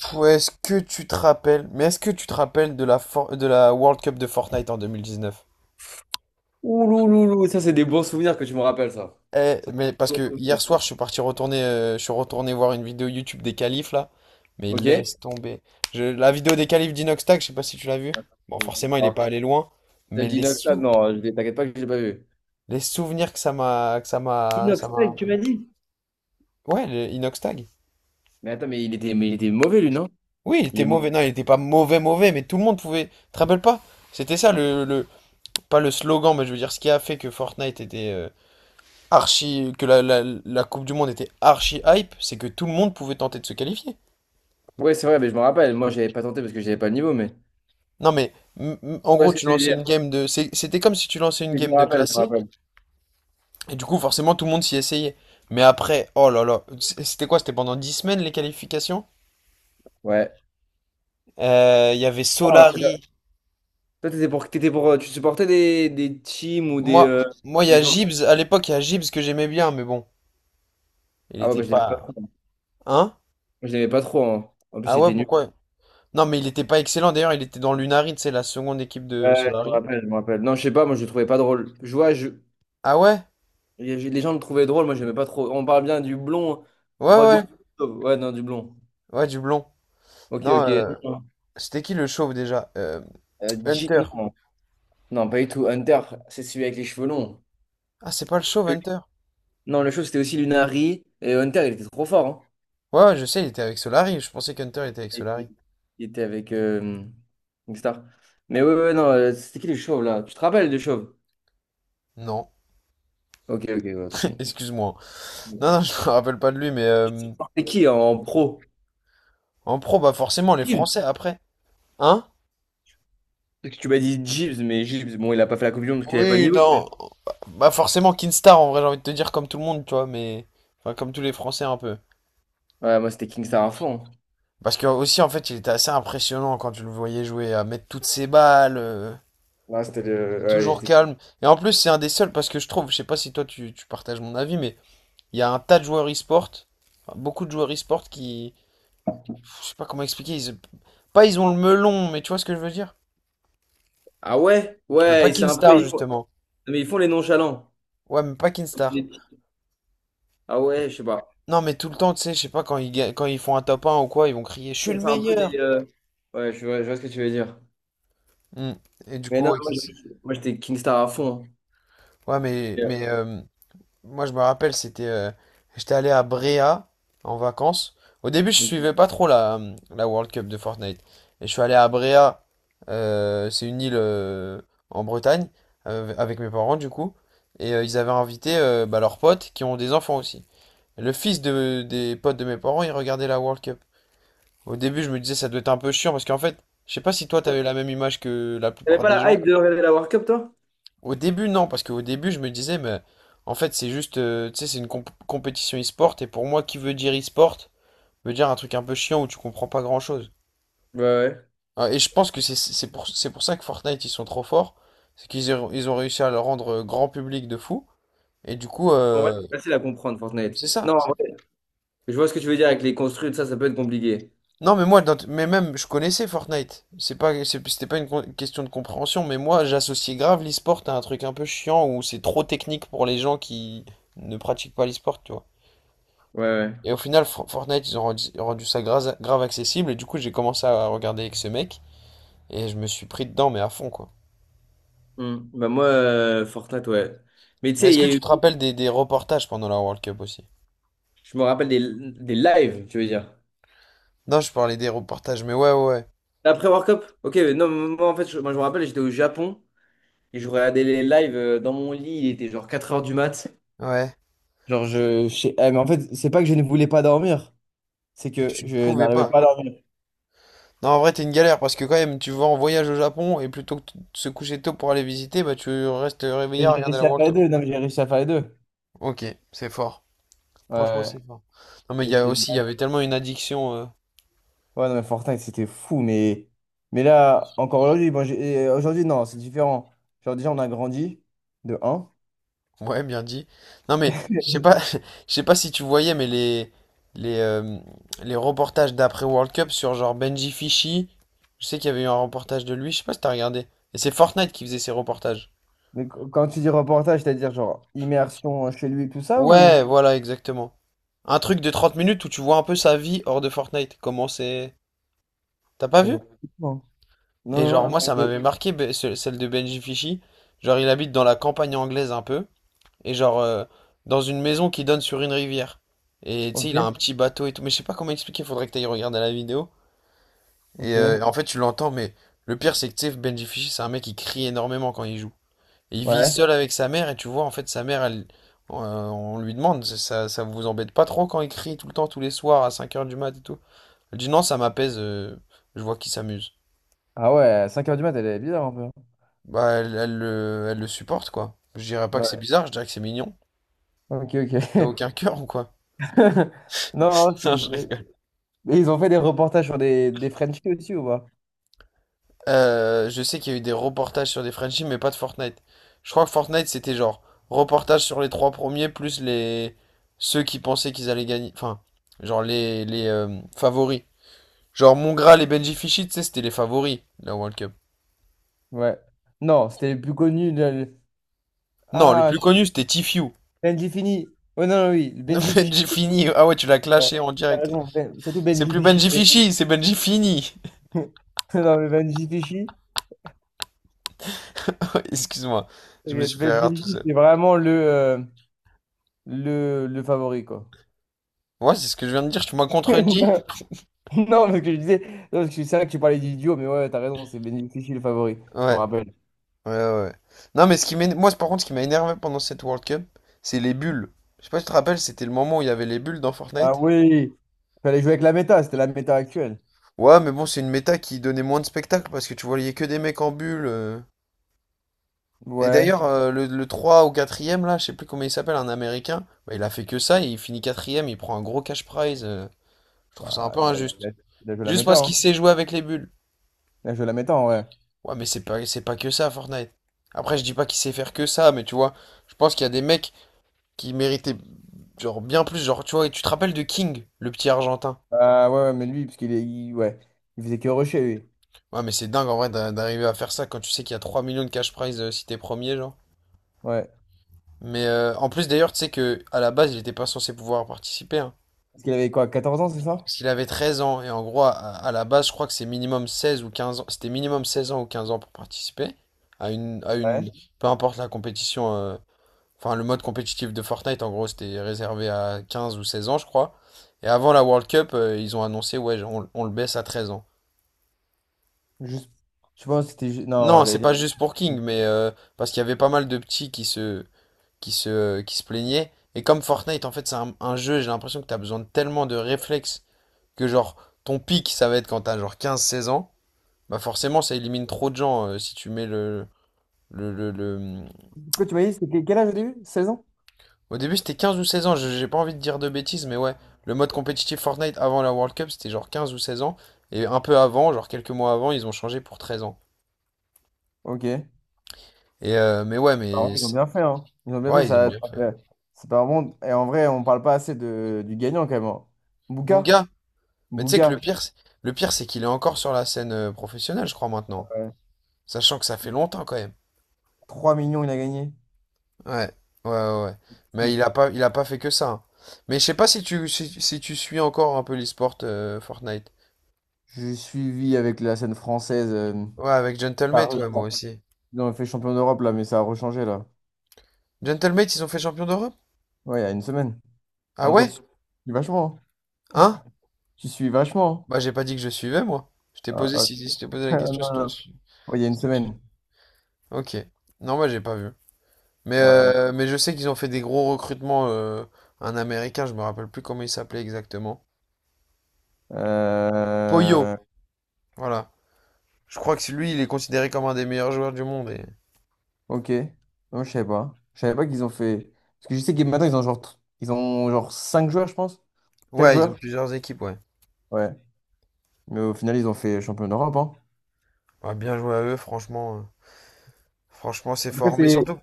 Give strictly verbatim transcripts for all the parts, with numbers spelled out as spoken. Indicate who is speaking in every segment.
Speaker 1: Pou- Est-ce que tu te rappelles, mais est-ce que tu te rappelles de la, For- de la World Cup de Fortnite en deux mille dix-neuf?
Speaker 2: Ouloulou, ça c'est des bons souvenirs que tu me rappelles ça.
Speaker 1: Eh,
Speaker 2: Ça,
Speaker 1: mais parce
Speaker 2: c'est des
Speaker 1: que
Speaker 2: bons
Speaker 1: hier
Speaker 2: souvenirs.
Speaker 1: soir, je suis parti retourner, euh, je suis retourné voir une vidéo YouTube des qualifs là, mais
Speaker 2: Ok?
Speaker 1: laisse tomber. Je- la vidéo des qualifs d'Inoxtag, je sais pas si tu l'as vue. Bon, forcément, il est pas
Speaker 2: Alors,
Speaker 1: allé loin,
Speaker 2: t'as
Speaker 1: mais
Speaker 2: dit
Speaker 1: les
Speaker 2: Inoxtag,
Speaker 1: sou-
Speaker 2: non, je- t'inquiète pas que je l'ai pas vu.
Speaker 1: les souvenirs que ça m'a, que ça m'a, ça m'a.
Speaker 2: Inoxtag, tu m'as dit?
Speaker 1: Ouais, le Inoxtag.
Speaker 2: Mais attends, mais il était, mais il était mauvais lui, non?
Speaker 1: Oui, il
Speaker 2: Il
Speaker 1: était
Speaker 2: est-
Speaker 1: mauvais. Non, il était pas mauvais, mauvais, mais tout le monde pouvait. Tu te rappelles pas? C'était ça le, le- pas le slogan, mais je veux dire ce qui a fait que Fortnite était, euh, archi, que la, la- la Coupe du Monde était archi hype, c'est que tout le monde pouvait tenter de se qualifier.
Speaker 2: Ouais, c'est vrai, mais je me rappelle. Moi, j'avais pas tenté parce que j'avais pas le niveau, mais.
Speaker 1: Non mais m- m- en
Speaker 2: Ouais,
Speaker 1: gros
Speaker 2: ce que
Speaker 1: tu
Speaker 2: tu veux
Speaker 1: lançais une
Speaker 2: dire.
Speaker 1: game de, c'est- c'était comme si tu lançais une
Speaker 2: Mais je me
Speaker 1: game de
Speaker 2: rappelle, je me
Speaker 1: classé
Speaker 2: rappelle.
Speaker 1: et du coup forcément tout le monde s'y essayait. Mais après, oh là là, c- c'était quoi? C'était pendant dix semaines les qualifications?
Speaker 2: Ouais.
Speaker 1: Euh, Il y avait
Speaker 2: Oh, un truc là.
Speaker 1: Solari.
Speaker 2: Toi, t'étais pour, t'étais pour, euh, tu supportais des, des teams ou des,
Speaker 1: Moi,
Speaker 2: euh,
Speaker 1: moi il y
Speaker 2: des
Speaker 1: a
Speaker 2: joueurs.
Speaker 1: Gibbs. À l'époque il y a Gibbs que j'aimais bien, mais bon, il
Speaker 2: Ah ouais,
Speaker 1: était
Speaker 2: moi je l'aimais pas
Speaker 1: pas,
Speaker 2: trop, hein. Moi,
Speaker 1: hein?
Speaker 2: je l'aimais pas trop, hein. En plus,
Speaker 1: Ah
Speaker 2: il
Speaker 1: ouais,
Speaker 2: était nul.
Speaker 1: pourquoi? Non mais il était pas excellent. D'ailleurs il était dans l'Unari, c'est la seconde équipe de
Speaker 2: Ouais, je me
Speaker 1: Solari.
Speaker 2: rappelle, je me rappelle. Non, je sais pas, moi je le trouvais pas drôle. Je vois, je,
Speaker 1: Ah ouais?
Speaker 2: Les les gens le trouvaient drôle, moi j'aimais pas trop. On parle bien du blond.
Speaker 1: Ouais,
Speaker 2: On parle du
Speaker 1: ouais.
Speaker 2: blond. Ouais, non, du blond.
Speaker 1: Ouais, du blond.
Speaker 2: Ok,
Speaker 1: Non,
Speaker 2: ok.
Speaker 1: euh,
Speaker 2: Non,
Speaker 1: c'était qui le chauve déjà? Euh,
Speaker 2: Euh, G-
Speaker 1: Hunter.
Speaker 2: non. Non, pas du tout. Hunter, c'est celui avec les cheveux longs.
Speaker 1: Ah, c'est pas le chauve,
Speaker 2: Oui.
Speaker 1: Hunter?
Speaker 2: Non, le show c'était aussi Lunari. Et Hunter, il était trop fort, hein.
Speaker 1: Ouais, ouais, je sais, il était avec Solari. Je pensais qu'Hunter était avec
Speaker 2: Et-
Speaker 1: Solari.
Speaker 2: et- Il était avec euh, une star. Mais ouais, ouais, non, euh, c'était qui les chauves là? Tu te rappelles des chauves?
Speaker 1: Non,
Speaker 2: Ok, ok, ouais, tant pis.
Speaker 1: excuse-moi. Non, non, je me rappelle pas de lui, mais euh,
Speaker 2: C'était qui en en pro?
Speaker 1: en pro, bah forcément, les
Speaker 2: Gibbs.
Speaker 1: Français après. Hein?
Speaker 2: Parce que tu m'as dit Gibbs, mais Gibbs, bon, il a pas fait la Coupe du Monde parce qu'il avait pas de
Speaker 1: Oui,
Speaker 2: niveau.
Speaker 1: non. Bah forcément, Kinstar, en vrai, j'ai envie de te dire comme tout le monde, tu vois, mais... Enfin, comme tous les Français un peu.
Speaker 2: Ouais, moi c'était Kingstar à fond.
Speaker 1: Parce que aussi, en fait, il était assez impressionnant quand tu le voyais jouer, à mettre toutes ses balles, euh,
Speaker 2: Là, c'était le, ouais,
Speaker 1: toujours
Speaker 2: il était-
Speaker 1: calme. Et en plus, c'est un des seuls, parce que je trouve, je sais pas si toi tu, tu partages mon avis, mais il y a un tas de joueurs e-sport, enfin, beaucoup de joueurs e-sport qui, je sais pas comment expliquer, ils, pas ils ont le melon, mais tu vois ce que je veux dire?
Speaker 2: Ah ouais?
Speaker 1: Mais pas
Speaker 2: Ouais, c'est un peu,
Speaker 1: Kinstar
Speaker 2: ils font-
Speaker 1: justement.
Speaker 2: Mais ils font les nonchalants.
Speaker 1: Ouais, mais pas Kinstar.
Speaker 2: Les petits- Ah ouais, je sais pas.
Speaker 1: Non, mais tout le temps, tu sais, je sais pas, quand ils, ga- quand ils font un top un ou quoi, ils vont crier, je suis
Speaker 2: Comme
Speaker 1: le
Speaker 2: c'est un peu des.
Speaker 1: meilleur!
Speaker 2: euh, Ouais, je vois, je vois ce que tu veux dire.
Speaker 1: Hmm. Et du
Speaker 2: Mais
Speaker 1: coup,
Speaker 2: non,
Speaker 1: ouais,
Speaker 2: moi
Speaker 1: Kins-
Speaker 2: je- moi, j'étais Kingstar à fond, hein.
Speaker 1: ouais, mais,
Speaker 2: Yeah.
Speaker 1: mais euh, Moi, je me rappelle, c'était, euh, j'étais allé à Bréa en vacances. Au début, je suivais pas trop la, hum, la World Cup de Fortnite. Et je suis allé à Bréa, euh, c'est une île euh, en Bretagne, euh, avec mes parents du coup. Et euh, ils avaient invité euh, bah, leurs potes qui ont des enfants aussi. Le fils de, des potes de mes parents, il regardait la World Cup. Au début, je me disais, ça doit être un peu chiant parce qu'en fait, je sais pas si toi, t'avais la même image que la
Speaker 2: T'avais
Speaker 1: plupart
Speaker 2: pas
Speaker 1: des
Speaker 2: la
Speaker 1: gens.
Speaker 2: hype de regarder la World Cup, toi?
Speaker 1: Au début, non, parce qu'au début, je me disais, mais en fait, c'est juste, euh, tu sais, c'est une comp- compétition e-sport, et pour moi, qui veut dire e-sport, veut dire un truc un peu chiant où tu comprends pas grand-chose.
Speaker 2: Ouais, ouais.
Speaker 1: Ah, et je pense que c'est c'est pour, c'est pour ça que Fortnite, ils sont trop forts, c'est qu'ils ont, ils ont réussi à le rendre euh, grand public de fou, et du coup,
Speaker 2: En vrai,
Speaker 1: euh,
Speaker 2: c'est facile à comprendre, Fortnite.
Speaker 1: c'est ça.
Speaker 2: Non, en
Speaker 1: c'est-
Speaker 2: vrai, je vois ce que tu veux dire avec les construits, ça, ça peut être compliqué.
Speaker 1: Non, mais moi, dans- mais même, je connaissais Fortnite, c'est pas, c'est- c'était pas une con- question de compréhension, mais moi, j'associais grave l'e-sport à un truc un peu chiant où c'est trop technique pour les gens qui ne pratiquent pas l'e-sport, tu vois.
Speaker 2: Ouais, ouais.
Speaker 1: Et au final, For- Fortnite, ils ont rendu, rendu ça grave, grave accessible. Et du coup, j'ai commencé à regarder avec ce mec. Et je me suis pris dedans, mais à fond, quoi.
Speaker 2: Hmm. Bah moi, euh, Fortnite, ouais. Mais tu
Speaker 1: Mais
Speaker 2: sais,
Speaker 1: est-ce
Speaker 2: il y
Speaker 1: que
Speaker 2: a
Speaker 1: tu
Speaker 2: eu.
Speaker 1: te rappelles des, des reportages pendant la World Cup aussi?
Speaker 2: Je me rappelle des, des lives, tu veux dire.
Speaker 1: Non, je parlais des reportages, mais ouais, ouais,
Speaker 2: Après World Cup? Ok, mais non, moi en fait, je, moi, je me rappelle, j'étais au Japon et je regardais les lives euh, dans mon lit, il était genre quatre heures du mat.
Speaker 1: ouais. Ouais.
Speaker 2: Genre, je, je sais- eh, mais en fait, c'est pas que je ne voulais pas dormir, c'est
Speaker 1: C'est que
Speaker 2: que
Speaker 1: tu ne
Speaker 2: je
Speaker 1: pouvais
Speaker 2: n'arrivais pas à
Speaker 1: pas.
Speaker 2: dormir.
Speaker 1: Non, en vrai, t'es une galère parce que quand même, tu vas en voyage au Japon et plutôt que de se coucher tôt pour aller visiter, bah tu restes réveillé
Speaker 2: Mais
Speaker 1: à
Speaker 2: j'ai
Speaker 1: regarder la
Speaker 2: réussi à
Speaker 1: World
Speaker 2: faire les
Speaker 1: Cup.
Speaker 2: deux, non, mais j'ai réussi à faire les deux.
Speaker 1: Ok, c'est fort.
Speaker 2: Ouais,
Speaker 1: Franchement,
Speaker 2: ouais.
Speaker 1: c'est fort. Non, mais il
Speaker 2: Et
Speaker 1: y a
Speaker 2: c'était une
Speaker 1: aussi, il y
Speaker 2: balle.
Speaker 1: avait tellement une addiction. euh,
Speaker 2: Ouais, non, mais Fortnite, c'était fou, mais, mais là, encore aujourd'hui, bon, j'ai- euh, aujourd'hui, non, c'est différent. Genre, déjà, on a grandi de un.
Speaker 1: Ouais, bien dit. Non mais je sais pas, je sais pas si tu voyais, mais les les euh, les reportages d'après World Cup sur genre Benji Fischi, je sais qu'il y avait eu un reportage de lui, je sais pas si t'as regardé. Et c'est Fortnite qui faisait ces reportages.
Speaker 2: Mais qu- quand tu dis reportage, c'est-à-dire genre immersion euh, chez lui, tout ça, ou.
Speaker 1: Ouais, voilà, exactement. Un truc de trente minutes où tu vois un peu sa vie hors de Fortnite. Comment c'est. T'as pas
Speaker 2: Ah, je
Speaker 1: vu?
Speaker 2: vois pas. Non,
Speaker 1: Et
Speaker 2: non,
Speaker 1: genre
Speaker 2: non.
Speaker 1: moi ça
Speaker 2: mais-
Speaker 1: m'avait marqué be- ce- celle de Benji Fischi. Genre il habite dans la campagne anglaise un peu. Et genre, euh, dans une maison qui donne sur une rivière. Et tu sais, il a un
Speaker 2: Ok.
Speaker 1: petit bateau et tout. Mais je sais pas comment expliquer, faudrait que t'ailles regarder la vidéo. Et
Speaker 2: Ok,
Speaker 1: euh, en fait, tu l'entends, mais le pire, c'est que tu sais, Benji Fischer, c'est un mec qui crie énormément quand il joue. Et il vit
Speaker 2: ouais.
Speaker 1: seul avec sa mère, et tu vois, en fait, sa mère, elle, euh, on lui demande, ça, ça vous embête pas trop quand il crie tout le temps, tous les soirs, à cinq heures du mat et tout. Elle dit non, ça m'apaise, euh, je vois qu'il s'amuse.
Speaker 2: Ah ouais, cinq heures du mat, elle est bizarre un peu.
Speaker 1: Bah, elle, elle le elle le supporte, quoi. Je dirais pas que c'est
Speaker 2: Ouais,
Speaker 1: bizarre, je dirais que c'est mignon.
Speaker 2: ok,
Speaker 1: T'as
Speaker 2: ok.
Speaker 1: aucun cœur ou quoi?
Speaker 2: Non, non, je
Speaker 1: Non,
Speaker 2: suis
Speaker 1: je
Speaker 2: désolé.
Speaker 1: rigole.
Speaker 2: Mais ils ont fait des reportages sur des, des Frenchies aussi ou pas?
Speaker 1: Euh, je sais qu'il y a eu des reportages sur des Frenchies, mais pas de Fortnite. Je crois que Fortnite, c'était genre reportage sur les trois premiers, plus les ceux qui pensaient qu'ils allaient gagner. Enfin, genre les, les euh, favoris. Genre Mongrel et Benji Fichy, tu sais, c'était les favoris, la World Cup.
Speaker 2: Ouais. Non, c'était les plus connus. de- le-
Speaker 1: Non, le
Speaker 2: Ah,
Speaker 1: plus connu, c'était Tifiu.
Speaker 2: Benji Fini. Ouais, non, non, oui, Benji Fishy.
Speaker 1: Benji Fini. Ah ouais, tu l'as
Speaker 2: Ouais,
Speaker 1: clashé en
Speaker 2: t'as
Speaker 1: direct, là.
Speaker 2: raison, Ben- surtout
Speaker 1: C'est
Speaker 2: Benji
Speaker 1: plus
Speaker 2: Fishy.
Speaker 1: Benji Fichy, c'est Benji Fini.
Speaker 2: Non, mais Benji Fishy,
Speaker 1: Excuse-moi, je me
Speaker 2: t'inquiète,
Speaker 1: suis fait
Speaker 2: Benji
Speaker 1: rire tout
Speaker 2: Fishy,
Speaker 1: seul.
Speaker 2: c'est vraiment le, euh, le, le favori, quoi.
Speaker 1: Ouais, c'est ce que je viens de dire, tu m'as contredit.
Speaker 2: Non, parce que je disais, non, parce que c'est vrai que tu parlais du duo, mais ouais, t'as raison, c'est Benji Fishy le favori. Je me
Speaker 1: Ouais.
Speaker 2: rappelle.
Speaker 1: Ouais, ouais, ouais. Non, mais ce qui m'éner- moi, par contre, ce qui m'a énervé pendant cette World Cup, c'est les bulles. Je sais pas si tu te rappelles, c'était le moment où il y avait les bulles dans
Speaker 2: Ah
Speaker 1: Fortnite.
Speaker 2: oui, il fallait jouer avec la méta, c'était la méta actuelle.
Speaker 1: Ouais, mais bon, c'est une méta qui donnait moins de spectacle parce que tu voyais que des mecs en bulles. euh. Et
Speaker 2: Ouais,
Speaker 1: d'ailleurs, euh, le, le trois ou quatrième là, je sais plus comment il s'appelle, un Américain, bah, il a fait que ça et il finit quatrième, il prend un gros cash prize. euh. Je trouve ça un
Speaker 2: bah,
Speaker 1: peu
Speaker 2: il a, il
Speaker 1: injuste.
Speaker 2: a- il a joué la
Speaker 1: Juste
Speaker 2: méta,
Speaker 1: parce
Speaker 2: hein.
Speaker 1: qu'il sait jouer avec les bulles.
Speaker 2: Il a joué la méta, en vrai.
Speaker 1: Ouais, mais c'est pas, c'est pas que ça, Fortnite. Après, je dis pas qu'il sait faire que ça, mais tu vois, je pense qu'il y a des mecs qui méritait genre bien plus. Genre, tu vois, et tu te rappelles de King, le petit Argentin.
Speaker 2: Ah ouais, ouais, mais lui, parce qu'il est, il- ouais, il faisait que rusher, lui.
Speaker 1: Ouais, mais c'est dingue en vrai d'a- d'arriver à faire ça quand tu sais qu'il y a trois millions de cash prize, euh, si t'es premier, genre.
Speaker 2: Ouais.
Speaker 1: Mais euh, en plus d'ailleurs, tu sais que à la base, il était pas censé pouvoir participer, hein,
Speaker 2: Parce qu'il avait quoi, quatorze ans, c'est ça?
Speaker 1: parce qu'il avait treize ans et en gros, à, à la base, je crois que c'est minimum seize ou quinze ans, c'était minimum seize ans ou quinze ans pour participer à une à une
Speaker 2: Ouais.
Speaker 1: peu importe la compétition, euh, enfin le mode compétitif de Fortnite en gros, c'était réservé à quinze ou seize ans, je crois. Et avant la World Cup, euh, ils ont annoncé ouais, on, on le baisse à treize ans.
Speaker 2: Juste, je pense que c'était. ju- Non,
Speaker 1: Non, c'est
Speaker 2: j'allais dire.
Speaker 1: pas juste pour King, mais euh, parce qu'il y avait pas mal de petits qui se, qui se, euh, qui se plaignaient. Et comme Fortnite, en fait, c'est un, un jeu, j'ai l'impression que t'as besoin de tellement de réflexes que genre ton pic, ça va être quand t'as genre quinze seize ans. Bah forcément, ça élimine trop de gens, euh, si tu mets le, le, le, le-
Speaker 2: Quoi, tu m'as dit, c'était quel âge au début? Seize ans?
Speaker 1: Au début, c'était quinze ou seize ans, je- j'ai pas envie de dire de bêtises, mais ouais, le mode compétitif Fortnite avant la World Cup, c'était genre quinze ou seize ans. Et un peu avant, genre quelques mois avant, ils ont changé pour treize ans.
Speaker 2: Ok. Ah
Speaker 1: Et euh, mais ouais,
Speaker 2: ouais,
Speaker 1: mais...
Speaker 2: ils ont bien fait, hein. Ils ont bien fait,
Speaker 1: Ouais, ils ont
Speaker 2: ça.
Speaker 1: bien
Speaker 2: ça
Speaker 1: fait.
Speaker 2: fait- C'est pas vraiment. Et en vrai, on parle pas assez de... du gagnant, quand même, hein. Bouka?
Speaker 1: Bouga? Mais tu sais que
Speaker 2: Bouga.
Speaker 1: le pire, c'est- le pire, c'est qu'il est encore sur la scène, euh, professionnelle, je crois, maintenant.
Speaker 2: Ouais.
Speaker 1: Sachant que ça fait longtemps quand même.
Speaker 2: trois millions, il a gagné,
Speaker 1: Ouais, ouais, ouais. Ouais. Mais
Speaker 2: fou.
Speaker 1: il a pas, il a pas fait que ça, hein. Mais je sais pas si tu, si, si tu suis encore un peu l'esport, euh, Fortnite.
Speaker 2: J'ai suivi avec la scène française, euh,
Speaker 1: Ouais, avec
Speaker 2: ça a
Speaker 1: Gentlemate,
Speaker 2: re-
Speaker 1: ouais, moi
Speaker 2: ça-
Speaker 1: aussi.
Speaker 2: Ils ont fait champion d'Europe là, mais ça a rechangé là.
Speaker 1: Gentlemate, ils ont fait champion d'Europe?
Speaker 2: Ouais, il y a une semaine.
Speaker 1: Ah
Speaker 2: En tout cas,
Speaker 1: ouais?
Speaker 2: tu suis vachement, hein.
Speaker 1: Hein?
Speaker 2: Tu suis vachement.
Speaker 1: Bah, j'ai pas dit que je suivais, moi. Je t'ai
Speaker 2: Ah,
Speaker 1: posé,
Speaker 2: ok.
Speaker 1: si, si je t'ai posé la
Speaker 2: Ah, non,
Speaker 1: question, si toi,
Speaker 2: non.
Speaker 1: tu-
Speaker 2: Ouais, il y a une
Speaker 1: si toi tu-
Speaker 2: semaine.
Speaker 1: Ok. Non, moi, j'ai pas vu. Mais,
Speaker 2: Ouais, bon.
Speaker 1: euh, mais je sais qu'ils ont fait des gros recrutements. Euh, un Américain, je me rappelle plus comment il s'appelait exactement.
Speaker 2: Euh,
Speaker 1: Oyo, voilà. Je crois que lui, il est considéré comme un des meilleurs joueurs du monde. Et...
Speaker 2: Ok. Non, je savais pas. Je savais pas qu'ils ont fait. Parce que je sais que maintenant, ils ont genre, tr- ils ont genre cinq joueurs, je pense. Quatre
Speaker 1: Ouais, ils ont
Speaker 2: joueurs.
Speaker 1: plusieurs équipes, ouais.
Speaker 2: Ouais. Mais au final, ils ont fait champion d'Europe, hein.
Speaker 1: Bah, bien joué à eux, franchement. euh, Franchement, c'est
Speaker 2: En tout cas,
Speaker 1: fort. Mais
Speaker 2: c'est.
Speaker 1: surtout,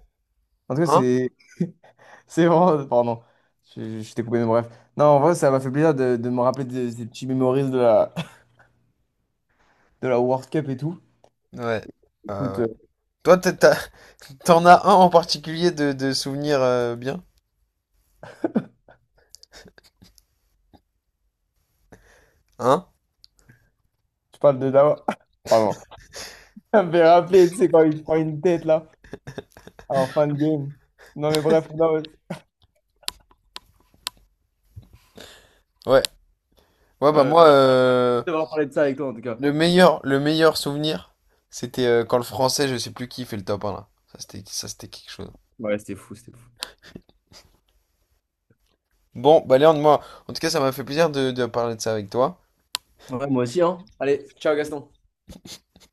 Speaker 2: En tout cas,
Speaker 1: hein?
Speaker 2: c'est. C'est vraiment. Pardon, je, je t'ai coupé mes bref. Non, en vrai, ça m'a fait plaisir de, de me rappeler de, ces petits memories de la, de la World Cup et tout.
Speaker 1: Ouais.
Speaker 2: Écoute,
Speaker 1: Euh, ouais.
Speaker 2: euh,
Speaker 1: Toi, t'as- t'as- t'en as un en particulier de, de souvenir, euh, bien? Hein?
Speaker 2: tu parles de Dawa. Pardon. Ça me fait rappeler, tu sais, quand il se prend une tête, là, en fin de game. Non, mais bref, non, ouais, ouais,
Speaker 1: Ouais. Ouais,
Speaker 2: je
Speaker 1: bah
Speaker 2: vais
Speaker 1: moi, euh,
Speaker 2: devoir parler de ça avec toi, en tout cas.
Speaker 1: le meilleur, le meilleur souvenir, c'était, euh, quand le français, je sais plus qui, fait le top un là. Ça, c'était, ça, c'était quelque chose.
Speaker 2: Ouais, c'était fou, c'était fou.
Speaker 1: Bon, bah Léon, moi, en tout cas, ça m'a fait plaisir de, de parler de ça avec toi.
Speaker 2: Ouais, moi aussi, hein. Allez, ciao, Gaston.